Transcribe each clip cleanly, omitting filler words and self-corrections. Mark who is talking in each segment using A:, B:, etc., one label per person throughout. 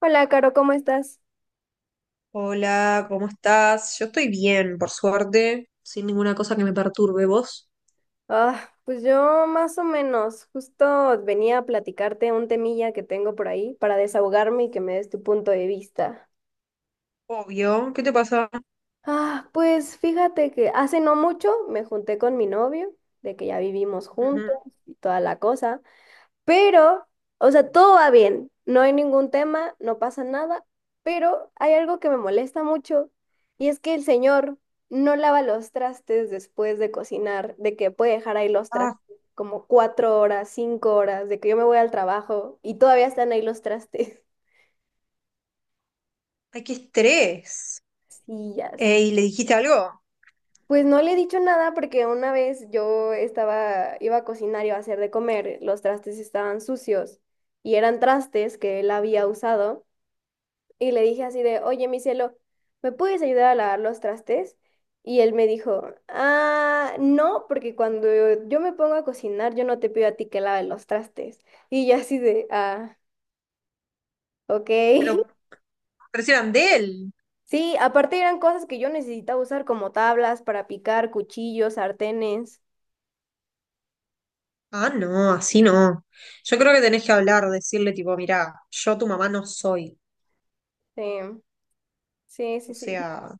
A: Hola, Caro, ¿cómo estás?
B: Hola, ¿cómo estás? Yo estoy bien, por suerte, sin ninguna cosa que me perturbe. ¿Vos?
A: Ah, pues yo más o menos, justo venía a platicarte un temilla que tengo por ahí para desahogarme y que me des tu punto de vista.
B: Obvio, ¿qué te pasa?
A: Ah, pues fíjate que hace no mucho me junté con mi novio, de que ya vivimos juntos
B: Ujú.
A: y toda la cosa. Pero, o sea, todo va bien, no hay ningún tema, no pasa nada, pero hay algo que me molesta mucho y es que el señor no lava los trastes después de cocinar, de que puede dejar ahí los trastes
B: Ah,
A: como cuatro horas, cinco horas, de que yo me voy al trabajo y todavía están ahí los trastes.
B: ay, qué estrés.
A: Sí, ya sé.
B: ¿Le dijiste algo?
A: Pues no le he dicho nada porque una vez yo estaba, iba a cocinar, iba a hacer de comer, los trastes estaban sucios y eran trastes que él había usado. Y le dije así de, oye, mi cielo, ¿me puedes ayudar a lavar los trastes? Y él me dijo, ah, no, porque cuando yo me pongo a cocinar, yo no te pido a ti que laves los trastes. Y yo así de, ah, ok.
B: Pero, pero si eran de él.
A: Sí, aparte eran cosas que yo necesitaba usar como tablas para picar, cuchillos, sartenes.
B: Ah, no, así no. Yo creo que tenés que hablar, decirle tipo, mirá, yo tu mamá no soy.
A: em, Sí, sí,
B: O
A: sí, sí.
B: sea,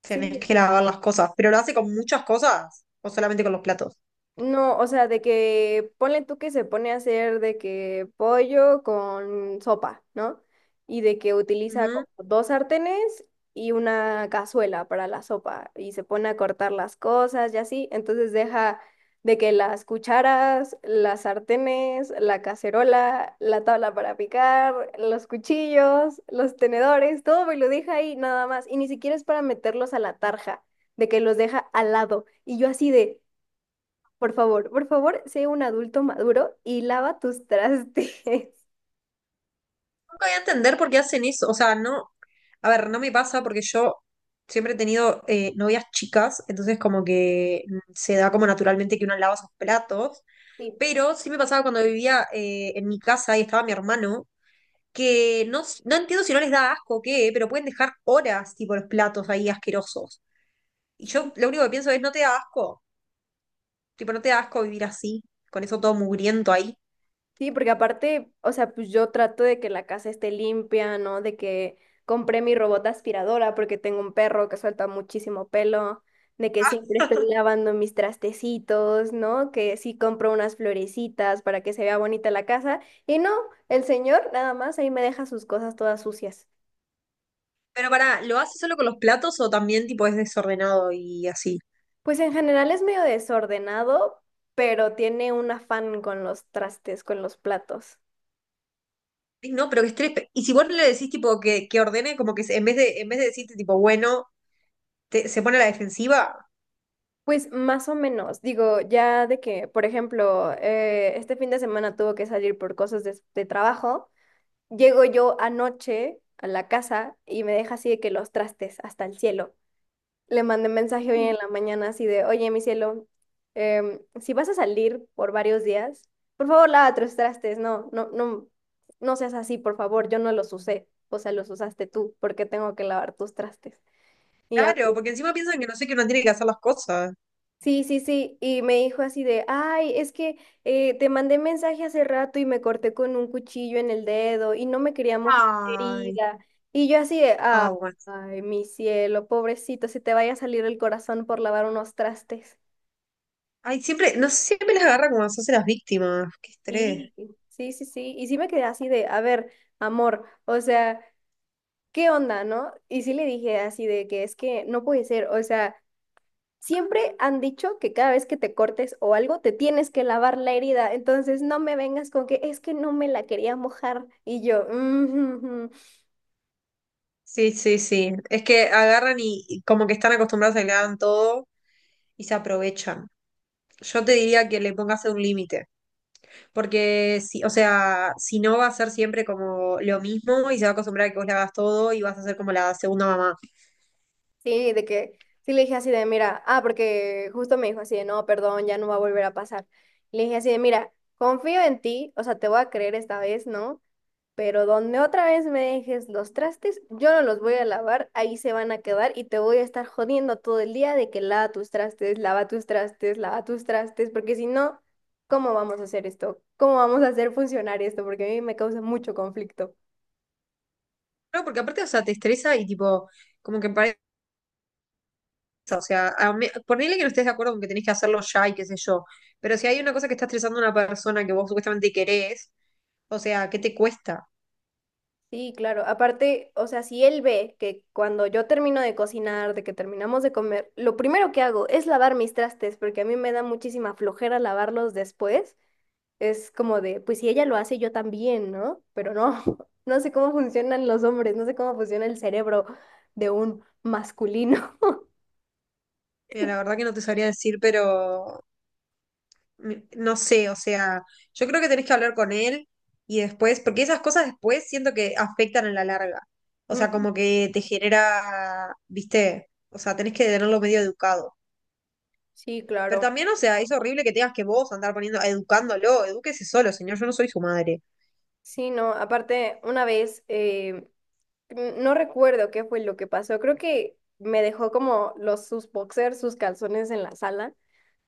B: tenés
A: Sí,
B: que lavar las cosas. ¿Pero lo hace con muchas cosas o solamente con los platos?
A: no, o sea, de que ponle tú que se pone a hacer de que pollo con sopa, ¿no? Y de que utiliza como dos sartenes y una cazuela para la sopa y se pone a cortar las cosas y así. Entonces deja de que las cucharas, las sartenes, la cacerola, la tabla para picar, los cuchillos, los tenedores, todo me lo deja ahí nada más. Y ni siquiera es para meterlos a la tarja, de que los deja al lado. Y yo así de... por favor, sé un adulto maduro y lava tus trastes.
B: Nunca voy a entender por qué hacen eso. O sea, no. A ver, no me pasa porque yo siempre he tenido novias chicas, entonces como que se da como naturalmente que uno lava sus platos.
A: Sí.
B: Pero sí me pasaba cuando vivía en mi casa y estaba mi hermano, que no, no entiendo si no les da asco o qué, pero pueden dejar horas, tipo, los platos ahí asquerosos. Y yo lo único que pienso es, no te da asco. Tipo, no te da asco vivir así, con eso todo mugriento ahí.
A: Sí, porque aparte, o sea, pues yo trato de que la casa esté limpia, ¿no? De que compré mi robot aspiradora porque tengo un perro que suelta muchísimo pelo, de que siempre estoy lavando mis trastecitos, ¿no? Que sí compro unas florecitas para que se vea bonita la casa. Y no, el señor nada más ahí me deja sus cosas todas sucias.
B: Pero pará, ¿lo haces solo con los platos o también, tipo, es desordenado y así?
A: Pues en general es medio desordenado, pero tiene un afán con los trastes, con los platos.
B: Ay, no, pero qué estrés. Y si vos no le decís tipo que ordene, como que en vez de decirte tipo bueno, se pone a la defensiva.
A: Pues más o menos, digo, ya de que, por ejemplo, este fin de semana tuvo que salir por cosas de trabajo, llego yo anoche a la casa y me deja así de que los trastes hasta el cielo. Le mandé mensaje hoy en la mañana así de, oye, mi cielo, si vas a salir por varios días, por favor, lava tus trastes, no, no, no, no seas así, por favor, yo no los usé, o sea, los usaste tú, porque tengo que lavar tus trastes. Y ya,
B: Claro, porque encima piensan que no sé que uno tiene que hacer las cosas.
A: sí, sí, sí, y me dijo así de, ay, es que te mandé mensaje hace rato y me corté con un cuchillo en el dedo y no me quería mojar la
B: Ay,
A: herida. Y yo así de,
B: ah,
A: ah,
B: bueno.
A: ay, mi cielo, pobrecito, si te vaya a salir el corazón por lavar unos trastes.
B: Ay, siempre, no sé, siempre las agarra como se hace las víctimas. Qué estrés.
A: Sí, sí, sí, sí. Y sí me quedé así de, a ver, amor, o sea, ¿qué onda, no? Y sí le dije así de que es que no puede ser, o sea, siempre han dicho que cada vez que te cortes o algo, te tienes que lavar la herida, entonces no me vengas con que es que no me la quería mojar. Y yo, "Mm, ujú, ujú".
B: Sí, sí, sí. Es que agarran y como que están acostumbrados a que le hagan todo y se aprovechan. Yo te diría que le pongas un límite. Porque si, o sea, si no va a ser siempre como lo mismo y se va a acostumbrar a que vos le hagas todo y vas a ser como la segunda mamá.
A: Sí, de que, sí le dije así de, mira, ah, porque justo me dijo así de, no, perdón, ya no va a volver a pasar. Le dije así de, mira, confío en ti, o sea, te voy a creer esta vez, ¿no? Pero donde otra vez me dejes los trastes, yo no los voy a lavar, ahí se van a quedar y te voy a estar jodiendo todo el día de que lava tus trastes, lava tus trastes, lava tus trastes, porque si no, ¿cómo vamos a hacer esto? ¿Cómo vamos a hacer funcionar esto? Porque a mí me causa mucho conflicto.
B: No, porque aparte, o sea, te estresa y tipo, como que parece, o sea, ponele que no estés de acuerdo con que tenés que hacerlo ya y qué sé yo, pero si hay una cosa que está estresando a una persona que vos supuestamente querés, o sea, ¿qué te cuesta?
A: Sí, claro. Aparte, o sea, si él ve que cuando yo termino de cocinar, de que terminamos de comer, lo primero que hago es lavar mis trastes, porque a mí me da muchísima flojera lavarlos después. Es como de, pues si ella lo hace, yo también, ¿no? Pero no, no sé cómo funcionan los hombres, no sé cómo funciona el cerebro de un masculino.
B: Mira, la verdad que no te sabría decir, pero no sé, o sea, yo creo que tenés que hablar con él y después, porque esas cosas después siento que afectan a la larga. O sea,
A: Mm,
B: como que te genera, viste, o sea, tenés que tenerlo medio educado.
A: sí,
B: Pero
A: claro.
B: también, o sea, es horrible que tengas que vos andar poniendo, educándolo, edúquese solo, señor, yo no soy su madre.
A: Sí, no, aparte, una vez, no recuerdo qué fue lo que pasó, creo que me dejó como los, sus boxers, sus calzones en la sala.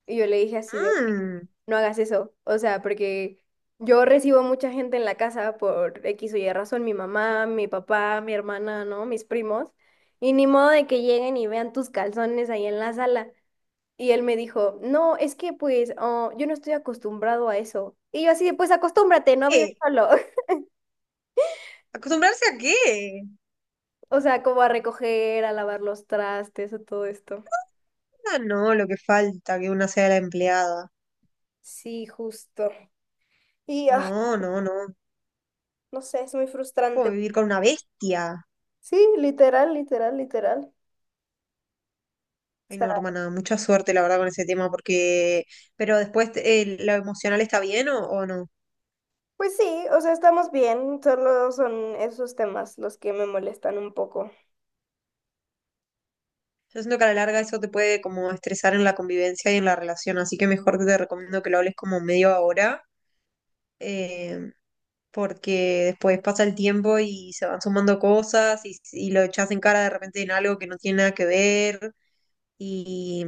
A: Y yo le dije así de,
B: Mm,
A: no hagas eso, o sea, porque yo recibo mucha gente en la casa por X o Y razón, mi mamá, mi papá, mi hermana, ¿no? Mis primos, y ni modo de que lleguen y vean tus calzones ahí en la sala. Y él me dijo, no, es que pues oh, yo no estoy acostumbrado a eso. Y yo así de, pues acostúmbrate, no vives
B: ¿qué?
A: solo.
B: ¿Acostumbrarse a qué?
A: O sea, como a recoger, a lavar los trastes, a todo esto.
B: Ah, no, lo que falta, que una sea la empleada.
A: Sí, justo. Y ah,
B: No, no, no.
A: no sé, es muy
B: Como
A: frustrante.
B: vivir
A: Porque...
B: con una bestia.
A: Sí, literal, literal, literal.
B: Ay,
A: Está...
B: no, hermana, mucha suerte, la verdad, con ese tema, porque... Pero después, ¿lo emocional está bien o no?
A: Pues sí, o sea, estamos bien, solo son esos temas los que me molestan un poco.
B: Yo siento que a la larga eso te puede como estresar en la convivencia y en la relación, así que mejor te recomiendo que lo hables como medio ahora, eh, porque después pasa el tiempo y se van sumando cosas y lo echas en cara de repente en algo que no tiene nada que ver y,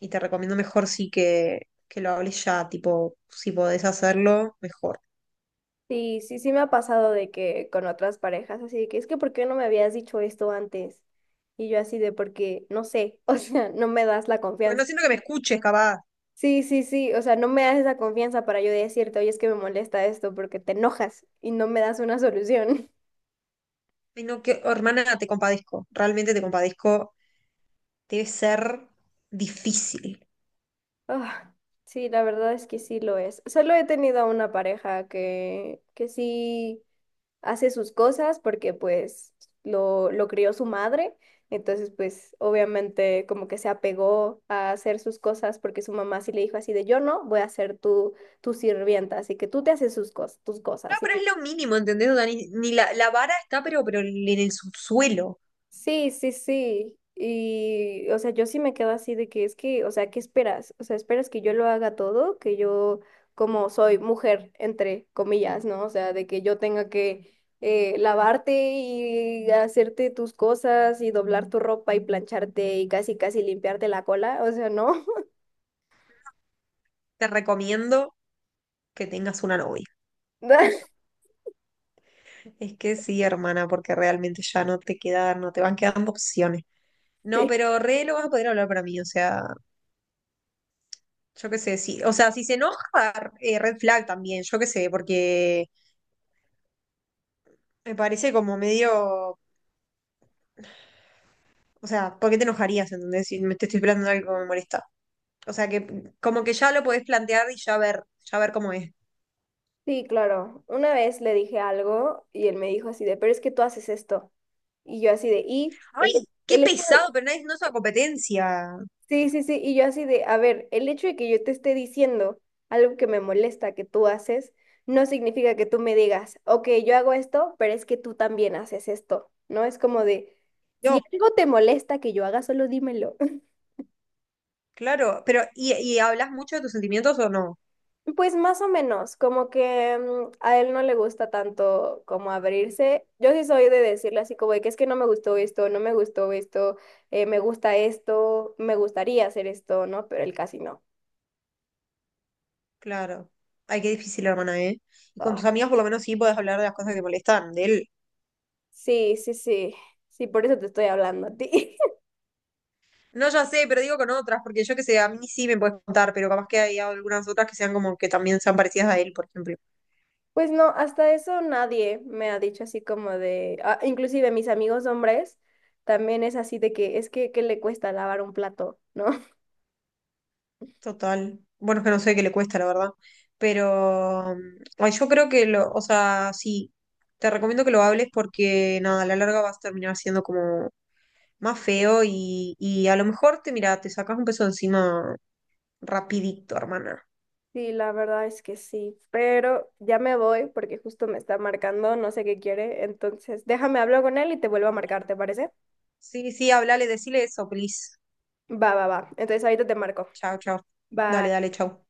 B: y te recomiendo mejor sí que lo hables ya, tipo, si podés hacerlo, mejor.
A: Sí, sí, sí me ha pasado de que con otras parejas, así de que es que ¿por qué no me habías dicho esto antes? Y yo así de porque no sé, o sea, no me das la
B: Porque no
A: confianza.
B: siento que me escuches, capaz.
A: Sí, sí, sí, o sea, no me das esa confianza para yo decirte, oye, es que me molesta esto porque te enojas y no me das una solución.
B: Ay, no, que, oh, hermana, te compadezco, realmente te compadezco. Debe ser difícil.
A: Ah, sí, la verdad es que sí lo es. Solo he tenido a una pareja que sí hace sus cosas porque pues lo crió su madre, entonces pues obviamente como que se apegó a hacer sus cosas porque su mamá sí le dijo así de yo no voy a ser tu, tu sirvienta, así que tú te haces tus
B: No,
A: cosas.
B: pero es lo mínimo, ¿entendés, Dani? Ni la vara está, pero en el subsuelo.
A: Sí, sí, sí. Y, o sea, yo sí me quedo así de que es que, o sea, ¿qué esperas? O sea, ¿esperas que yo lo haga todo? Que yo, como soy mujer, entre comillas, ¿no? O sea, de que yo tenga que lavarte y hacerte tus cosas y doblar tu ropa y plancharte y casi, casi limpiarte la cola. O sea, ¿no?
B: Te recomiendo que tengas una novia. Es que sí, hermana, porque realmente ya no te queda no te van quedando opciones. No,
A: Sí,
B: pero re lo vas a poder hablar para mí, o sea, yo qué sé, sí. O sea, si se enoja, red flag también, yo qué sé, porque me parece como medio, o sea, ¿por qué te enojarías, entendés? Si me te estoy esperando algo que me molesta. O sea que como que ya lo podés plantear y ya ver cómo es.
A: sí, claro. Una vez le dije algo y él me dijo así de, pero es que tú haces esto. Y yo así de, y él,
B: ¡Ay! ¡Qué
A: él
B: pesado! Pero nadie no es una competencia.
A: Sí, sí, sí, y yo así de, a ver, el hecho de que yo te esté diciendo algo que me molesta que tú haces, no significa que tú me digas, ok, yo hago esto, pero es que tú también haces esto, ¿no? Es como de,
B: Yo,
A: si algo te molesta que yo haga, solo dímelo.
B: claro. Pero, ¿y hablas mucho de tus sentimientos o no?
A: Pues más o menos, como que mm, a él no le gusta tanto como abrirse. Yo sí soy de decirle así como de que es que no me gustó esto, no me gustó esto, me gusta esto, me gustaría hacer esto, ¿no? Pero él casi no.
B: Claro. Ay, qué difícil, hermana, ¿eh? Y con
A: Ah.
B: tus amigas por lo menos sí podés hablar de las cosas que te molestan, de él.
A: Sí, sí, sí. Sí, por eso te estoy hablando a ti.
B: No, ya sé, pero digo con otras, porque yo que sé, a mí sí me puedes contar, pero capaz que hay algunas otras que sean como que también sean parecidas a él, por ejemplo.
A: Pues no, hasta eso nadie me ha dicho así como de, ah, inclusive mis amigos hombres también es así de que es que ¿qué le cuesta lavar un plato, ¿no?
B: Total. Bueno, es que no sé qué le cuesta, la verdad. Pero ay, yo creo que lo, o sea, sí, te recomiendo que lo hables porque nada, a la larga vas a terminar siendo como más feo y a lo mejor te, mira, te sacas un peso de encima rapidito, hermana.
A: Sí, la verdad es que sí, pero ya me voy porque justo me está marcando, no sé qué quiere, entonces déjame hablar con él y te vuelvo a marcar, ¿te parece?
B: Sí, sí, hablale, decile eso, please.
A: Va, va, va. Entonces ahorita te marco.
B: Chao, chao. Dale,
A: Bye.
B: dale, chao.